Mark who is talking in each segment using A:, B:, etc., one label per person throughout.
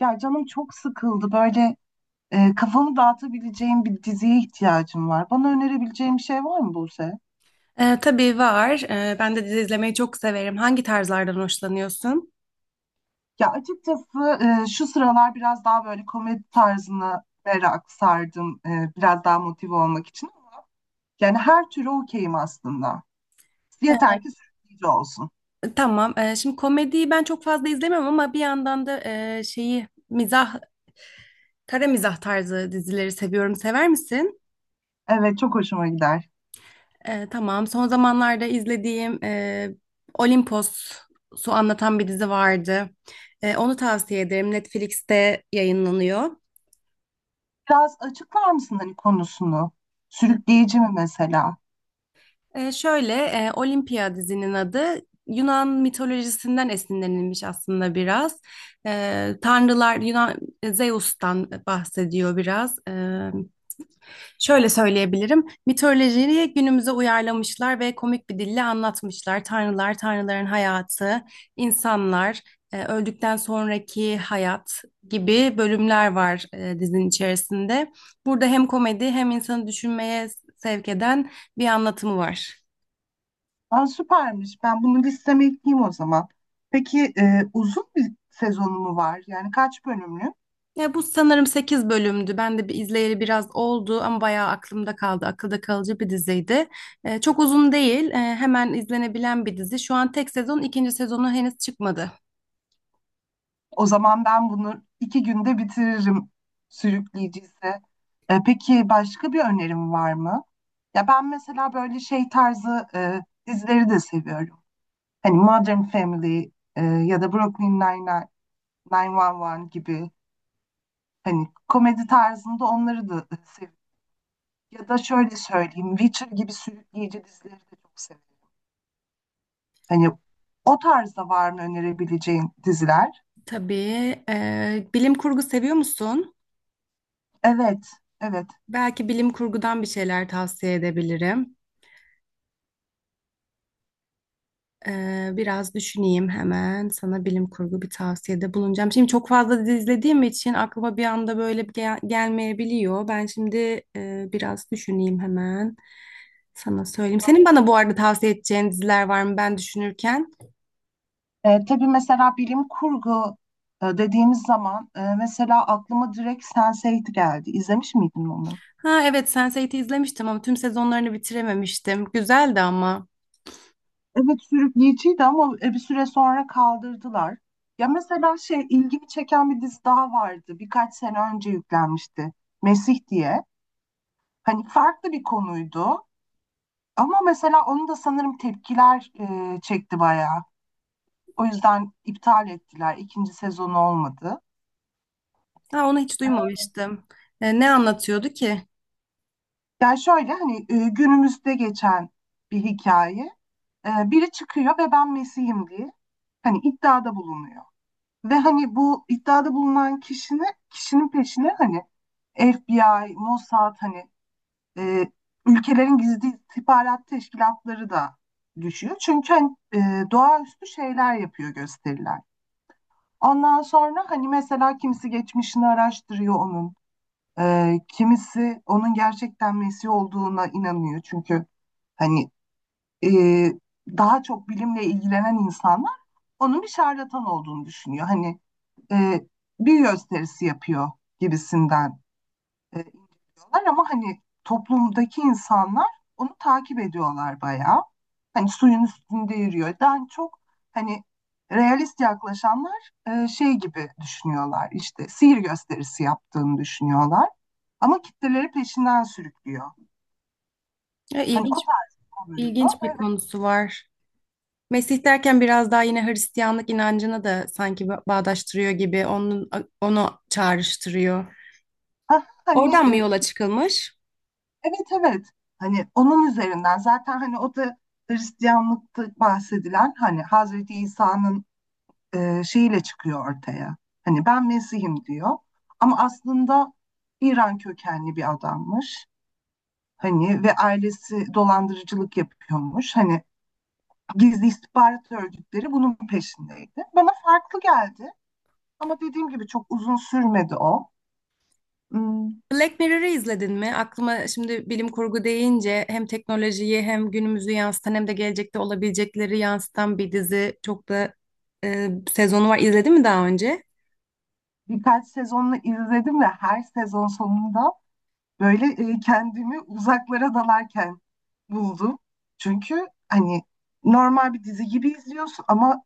A: Ya canım çok sıkıldı. Böyle kafamı dağıtabileceğim bir diziye ihtiyacım var. Bana önerebileceğim bir şey var mı, Buse?
B: Tabii var. Ben de dizi izlemeyi çok severim. Hangi tarzlardan hoşlanıyorsun?
A: Ya açıkçası şu sıralar biraz daha böyle komedi tarzına merak sardım. Biraz daha motive olmak için. Yani her türü okeyim aslında. Yeter ki sürükleyici olsun.
B: Tamam. Şimdi komediyi ben çok fazla izlemiyorum ama bir yandan da şeyi mizah, kara mizah tarzı dizileri seviyorum. Sever misin?
A: Evet, çok hoşuma gider.
B: Tamam. Son zamanlarda izlediğim Olimpos'u anlatan bir dizi vardı. Onu tavsiye ederim. Netflix'te yayınlanıyor.
A: Biraz açıklar mısın hani konusunu? Sürükleyici mi mesela?
B: Şöyle, Olimpia dizinin adı Yunan mitolojisinden esinlenilmiş aslında biraz. Tanrılar Yunan Zeus'tan bahsediyor biraz. Şöyle söyleyebilirim, mitolojiyi günümüze uyarlamışlar ve komik bir dille anlatmışlar. Tanrılar, tanrıların hayatı, insanlar, öldükten sonraki hayat gibi bölümler var dizinin içerisinde. Burada hem komedi hem insanı düşünmeye sevk eden bir anlatımı var.
A: Aa, süpermiş. Ben bunu listeme ekleyeyim o zaman. Peki uzun bir sezonu mu var? Yani kaç bölümlü?
B: Ya bu sanırım 8 bölümdü. Ben de bir izleyeli biraz oldu ama bayağı aklımda kaldı. Akılda kalıcı bir diziydi. Çok uzun değil. Hemen izlenebilen bir dizi. Şu an tek sezon, ikinci sezonu henüz çıkmadı.
A: O zaman ben bunu iki günde bitiririm sürükleyiciyse. Peki başka bir önerim var mı? Ya ben mesela böyle şey tarzı dizileri de seviyorum. Hani Modern Family ya da Brooklyn Nine-Nine, 911 gibi hani komedi tarzında onları da seviyorum. Ya da şöyle söyleyeyim, Witcher gibi sürükleyici dizileri de çok seviyorum. Hani o tarzda var mı önerebileceğin diziler?
B: Tabii. Bilim kurgu seviyor musun?
A: Evet, evet.
B: Belki bilim kurgudan bir şeyler tavsiye edebilirim. Biraz düşüneyim hemen. Sana bilim kurgu bir tavsiyede bulunacağım. Şimdi çok fazla dizi izlediğim için aklıma bir anda böyle bir gelmeyebiliyor. Ben şimdi biraz düşüneyim hemen. Sana söyleyeyim. Senin bana bu arada tavsiye edeceğin diziler var mı ben düşünürken?
A: Tabii, mesela bilim kurgu dediğimiz zaman mesela aklıma direkt Sense8 geldi. İzlemiş miydin onu?
B: Ha evet, Sense8'i izlemiştim ama tüm sezonlarını bitirememiştim. Güzeldi ama.
A: Evet, sürükleyiciydi ama bir süre sonra kaldırdılar. Ya mesela şey, ilgimi çeken bir dizi daha vardı. Birkaç sene önce yüklenmişti. Mesih diye. Hani farklı bir konuydu. Ama mesela onu da sanırım tepkiler çekti bayağı. O yüzden iptal ettiler. İkinci sezonu olmadı.
B: Ha onu hiç
A: Ee,
B: duymamıştım. Ne anlatıyordu ki?
A: Yani şöyle hani günümüzde geçen bir hikaye. Biri çıkıyor ve ben Mesih'im diye hani iddiada bulunuyor. Ve hani bu iddiada bulunan kişinin peşine hani FBI, Mossad hani e, ülkelerin gizli istihbarat teşkilatları da düşüyor. Çünkü hani, doğaüstü şeyler yapıyor, gösteriler. Ondan sonra hani mesela kimisi geçmişini araştırıyor onun. Kimisi onun gerçekten Mesih olduğuna inanıyor. Çünkü hani e, daha çok bilimle ilgilenen insanlar onun bir şarlatan olduğunu düşünüyor. Hani e, bir gösterisi yapıyor gibisinden e, diyorlar ama hani toplumdaki insanlar onu takip ediyorlar bayağı. Hani suyun üstünde yürüyor. Daha çok hani realist yaklaşanlar şey gibi düşünüyorlar, işte sihir gösterisi yaptığını düşünüyorlar. Ama kitleleri peşinden sürüklüyor.
B: E,
A: Hani o
B: ilginç
A: tarz bir konuydu.
B: ilginç bir
A: Evet.
B: konusu var. Mesih derken biraz daha yine Hristiyanlık inancını da sanki bağdaştırıyor gibi, onu çağrıştırıyor.
A: hani
B: Oradan mı yola çıkılmış?
A: evet, evet. Hani onun üzerinden zaten, hani o da Hristiyanlıkta bahsedilen hani Hazreti İsa'nın şeyiyle çıkıyor ortaya. Hani ben Mesih'im diyor. Ama aslında İran kökenli bir adammış. Hani ve ailesi dolandırıcılık yapıyormuş. Hani gizli istihbarat örgütleri bunun peşindeydi. Bana farklı geldi. Ama dediğim gibi çok uzun sürmedi o. ım,
B: Black Mirror'ı izledin mi? Aklıma şimdi bilim kurgu deyince hem teknolojiyi hem günümüzü yansıtan hem de gelecekte olabilecekleri yansıtan bir dizi çok da sezonu var. İzledin mi daha önce?
A: Birkaç sezonunu izledim ve her sezon sonunda böyle kendimi uzaklara dalarken buldum. Çünkü hani normal bir dizi gibi izliyorsun ama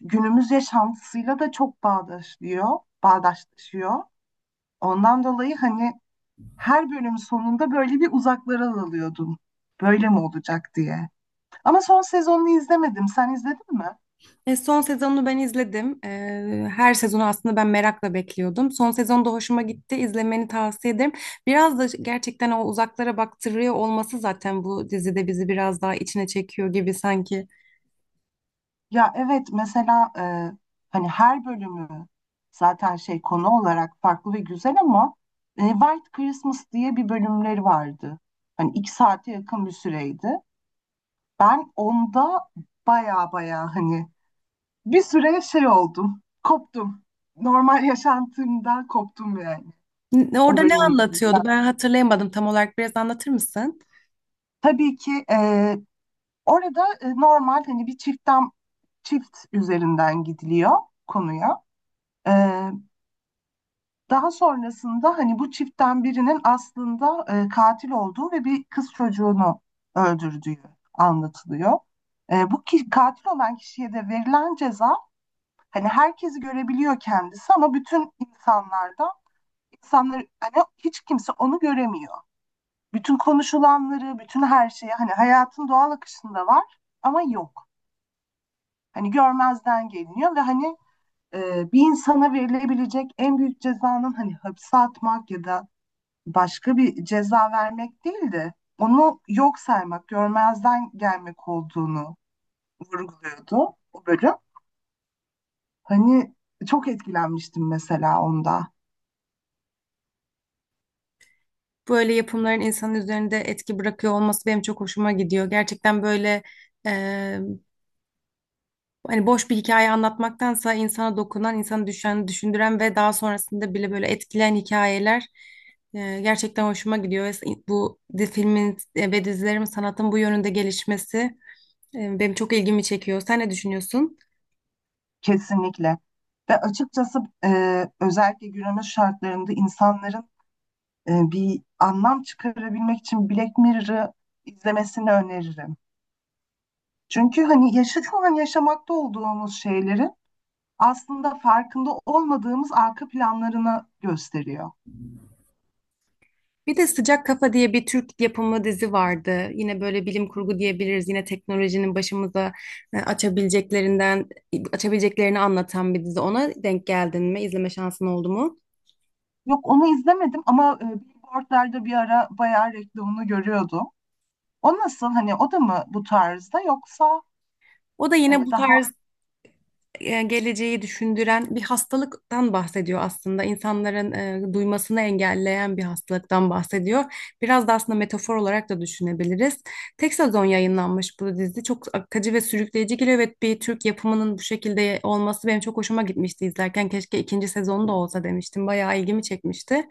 A: günümüz yaşantısıyla da çok bağdaşlıyor, bağdaşlaşıyor. Ondan dolayı hani her bölüm sonunda böyle bir uzaklara dalıyordum. Böyle mi olacak diye. Ama son sezonunu izlemedim. Sen izledin mi?
B: Son sezonunu ben izledim. Her sezonu aslında ben merakla bekliyordum. Son sezon da hoşuma gitti. İzlemeni tavsiye ederim. Biraz da gerçekten o uzaklara baktırıyor olması zaten bu dizide bizi biraz daha içine çekiyor gibi sanki.
A: Ya evet, mesela hani her bölümü zaten şey, konu olarak farklı ve güzel ama White Christmas diye bir bölümleri vardı. Hani iki saate yakın bir süreydi. Ben onda baya baya hani bir süre şey oldum, koptum. Normal yaşantımdan koptum yani o
B: Orada ne
A: bölümü izlerken.
B: anlatıyordu? Ben hatırlayamadım tam olarak. Biraz anlatır mısın?
A: Tabii ki orada normal hani bir çiftten, çift üzerinden gidiliyor konuya. E, Daha sonrasında hani bu çiftten birinin aslında katil olduğu ve bir kız çocuğunu öldürdüğü anlatılıyor. Bu ki, katil olan kişiye de verilen ceza, hani herkesi görebiliyor kendisi ama bütün insanlarda, insanlar hani hiç kimse onu göremiyor. Bütün konuşulanları, bütün her şeyi hani hayatın doğal akışında var ama yok. Hani görmezden geliniyor ve hani bir insana verilebilecek en büyük cezanın hani hapse atmak ya da başka bir ceza vermek değil de onu yok saymak, görmezden gelmek olduğunu vurguluyordu o bölüm. Hani çok etkilenmiştim mesela onda.
B: Böyle yapımların insanın üzerinde etki bırakıyor olması benim çok hoşuma gidiyor. Gerçekten böyle, e, hani boş bir hikaye anlatmaktansa insana dokunan, insanı düşen, düşündüren ve daha sonrasında bile böyle etkileyen hikayeler gerçekten hoşuma gidiyor. Ve bu filmin ve dizilerin sanatın bu yönünde gelişmesi benim çok ilgimi çekiyor. Sen ne düşünüyorsun?
A: Kesinlikle. Ve açıkçası özellikle günümüz şartlarında insanların bir anlam çıkarabilmek için Black Mirror'ı izlemesini öneririm. Çünkü hani yaşa, şu an yaşamakta olduğumuz şeylerin aslında farkında olmadığımız arka planlarını gösteriyor.
B: Bir de Sıcak Kafa diye bir Türk yapımı dizi vardı. Yine böyle bilim kurgu diyebiliriz. Yine teknolojinin başımıza e, açabileceklerinden, açabileceklerini anlatan bir dizi. Ona denk geldin mi? İzleme şansın oldu mu?
A: Yok, onu izlemedim ama billboardlarda bir ara bayağı reklamını görüyordum. O nasıl, hani o da mı bu tarzda yoksa
B: O da yine
A: hani
B: bu
A: daha...
B: tarz, geleceği düşündüren bir hastalıktan bahsediyor aslında. İnsanların duymasını engelleyen bir hastalıktan bahsediyor. Biraz da aslında metafor olarak da düşünebiliriz. Tek sezon yayınlanmış bu dizi. Çok akıcı ve sürükleyici geliyor. Evet, bir Türk yapımının bu şekilde olması benim çok hoşuma gitmişti izlerken. Keşke ikinci sezonu da olsa demiştim. Bayağı ilgimi çekmişti.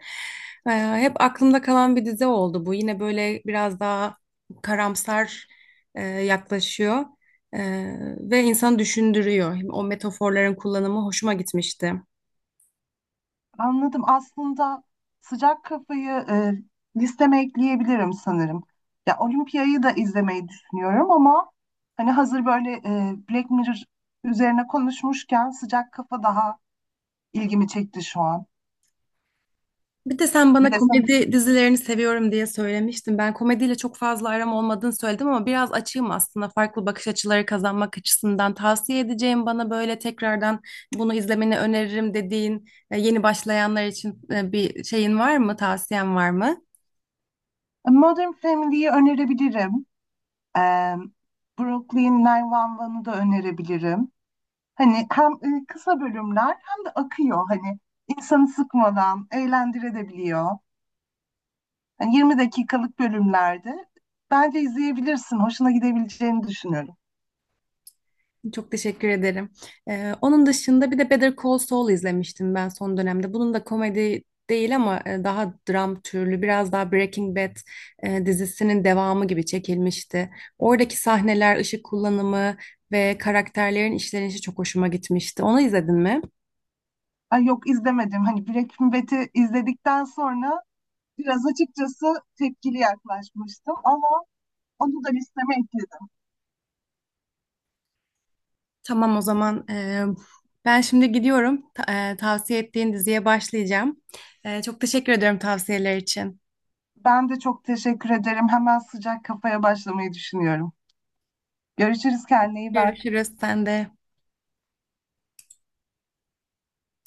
B: E, Hep aklımda kalan bir dizi oldu bu. Yine böyle biraz daha karamsar yaklaşıyor. Ve insan düşündürüyor. O metaforların kullanımı hoşuma gitmişti.
A: Anladım. Aslında sıcak kafayı listeme ekleyebilirim sanırım. Ya Olimpiyayı da izlemeyi düşünüyorum ama hani hazır böyle Black Mirror üzerine konuşmuşken sıcak kafa daha ilgimi çekti şu an.
B: Bir de sen
A: Bir
B: bana
A: de sen
B: komedi dizilerini seviyorum diye söylemiştin. Ben komediyle çok fazla aram olmadığını söyledim ama biraz açığım aslında. Farklı bakış açıları kazanmak açısından tavsiye edeceğim bana böyle tekrardan bunu izlemeni öneririm dediğin yeni başlayanlar için bir şeyin var mı, tavsiyen var mı?
A: Modern Family'yi önerebilirim. E, Brooklyn Nine-One'u da önerebilirim. Hani hem kısa bölümler hem de akıyor, hani insanı sıkmadan eğlendirebiliyor. Yani 20 dakikalık bölümlerde. Bence izleyebilirsin. Hoşuna gidebileceğini düşünüyorum.
B: Çok teşekkür ederim. Onun dışında bir de Better Call Saul izlemiştim ben son dönemde. Bunun da komedi değil ama daha dram türlü, biraz daha Breaking Bad dizisinin devamı gibi çekilmişti. Oradaki sahneler, ışık kullanımı ve karakterlerin işlenişi çok hoşuma gitmişti. Onu izledin mi?
A: Ay, yok izlemedim. Hani Breaking Bad'i izledikten sonra biraz açıkçası tepkili yaklaşmıştım ama onu da listeme ekledim.
B: Tamam, o zaman ben şimdi gidiyorum. Tavsiye ettiğin diziye başlayacağım. Çok teşekkür ediyorum tavsiyeler için.
A: Ben de çok teşekkür ederim. Hemen sıcak kafaya başlamayı düşünüyorum. Görüşürüz, kendine iyi bak.
B: Görüşürüz sen de.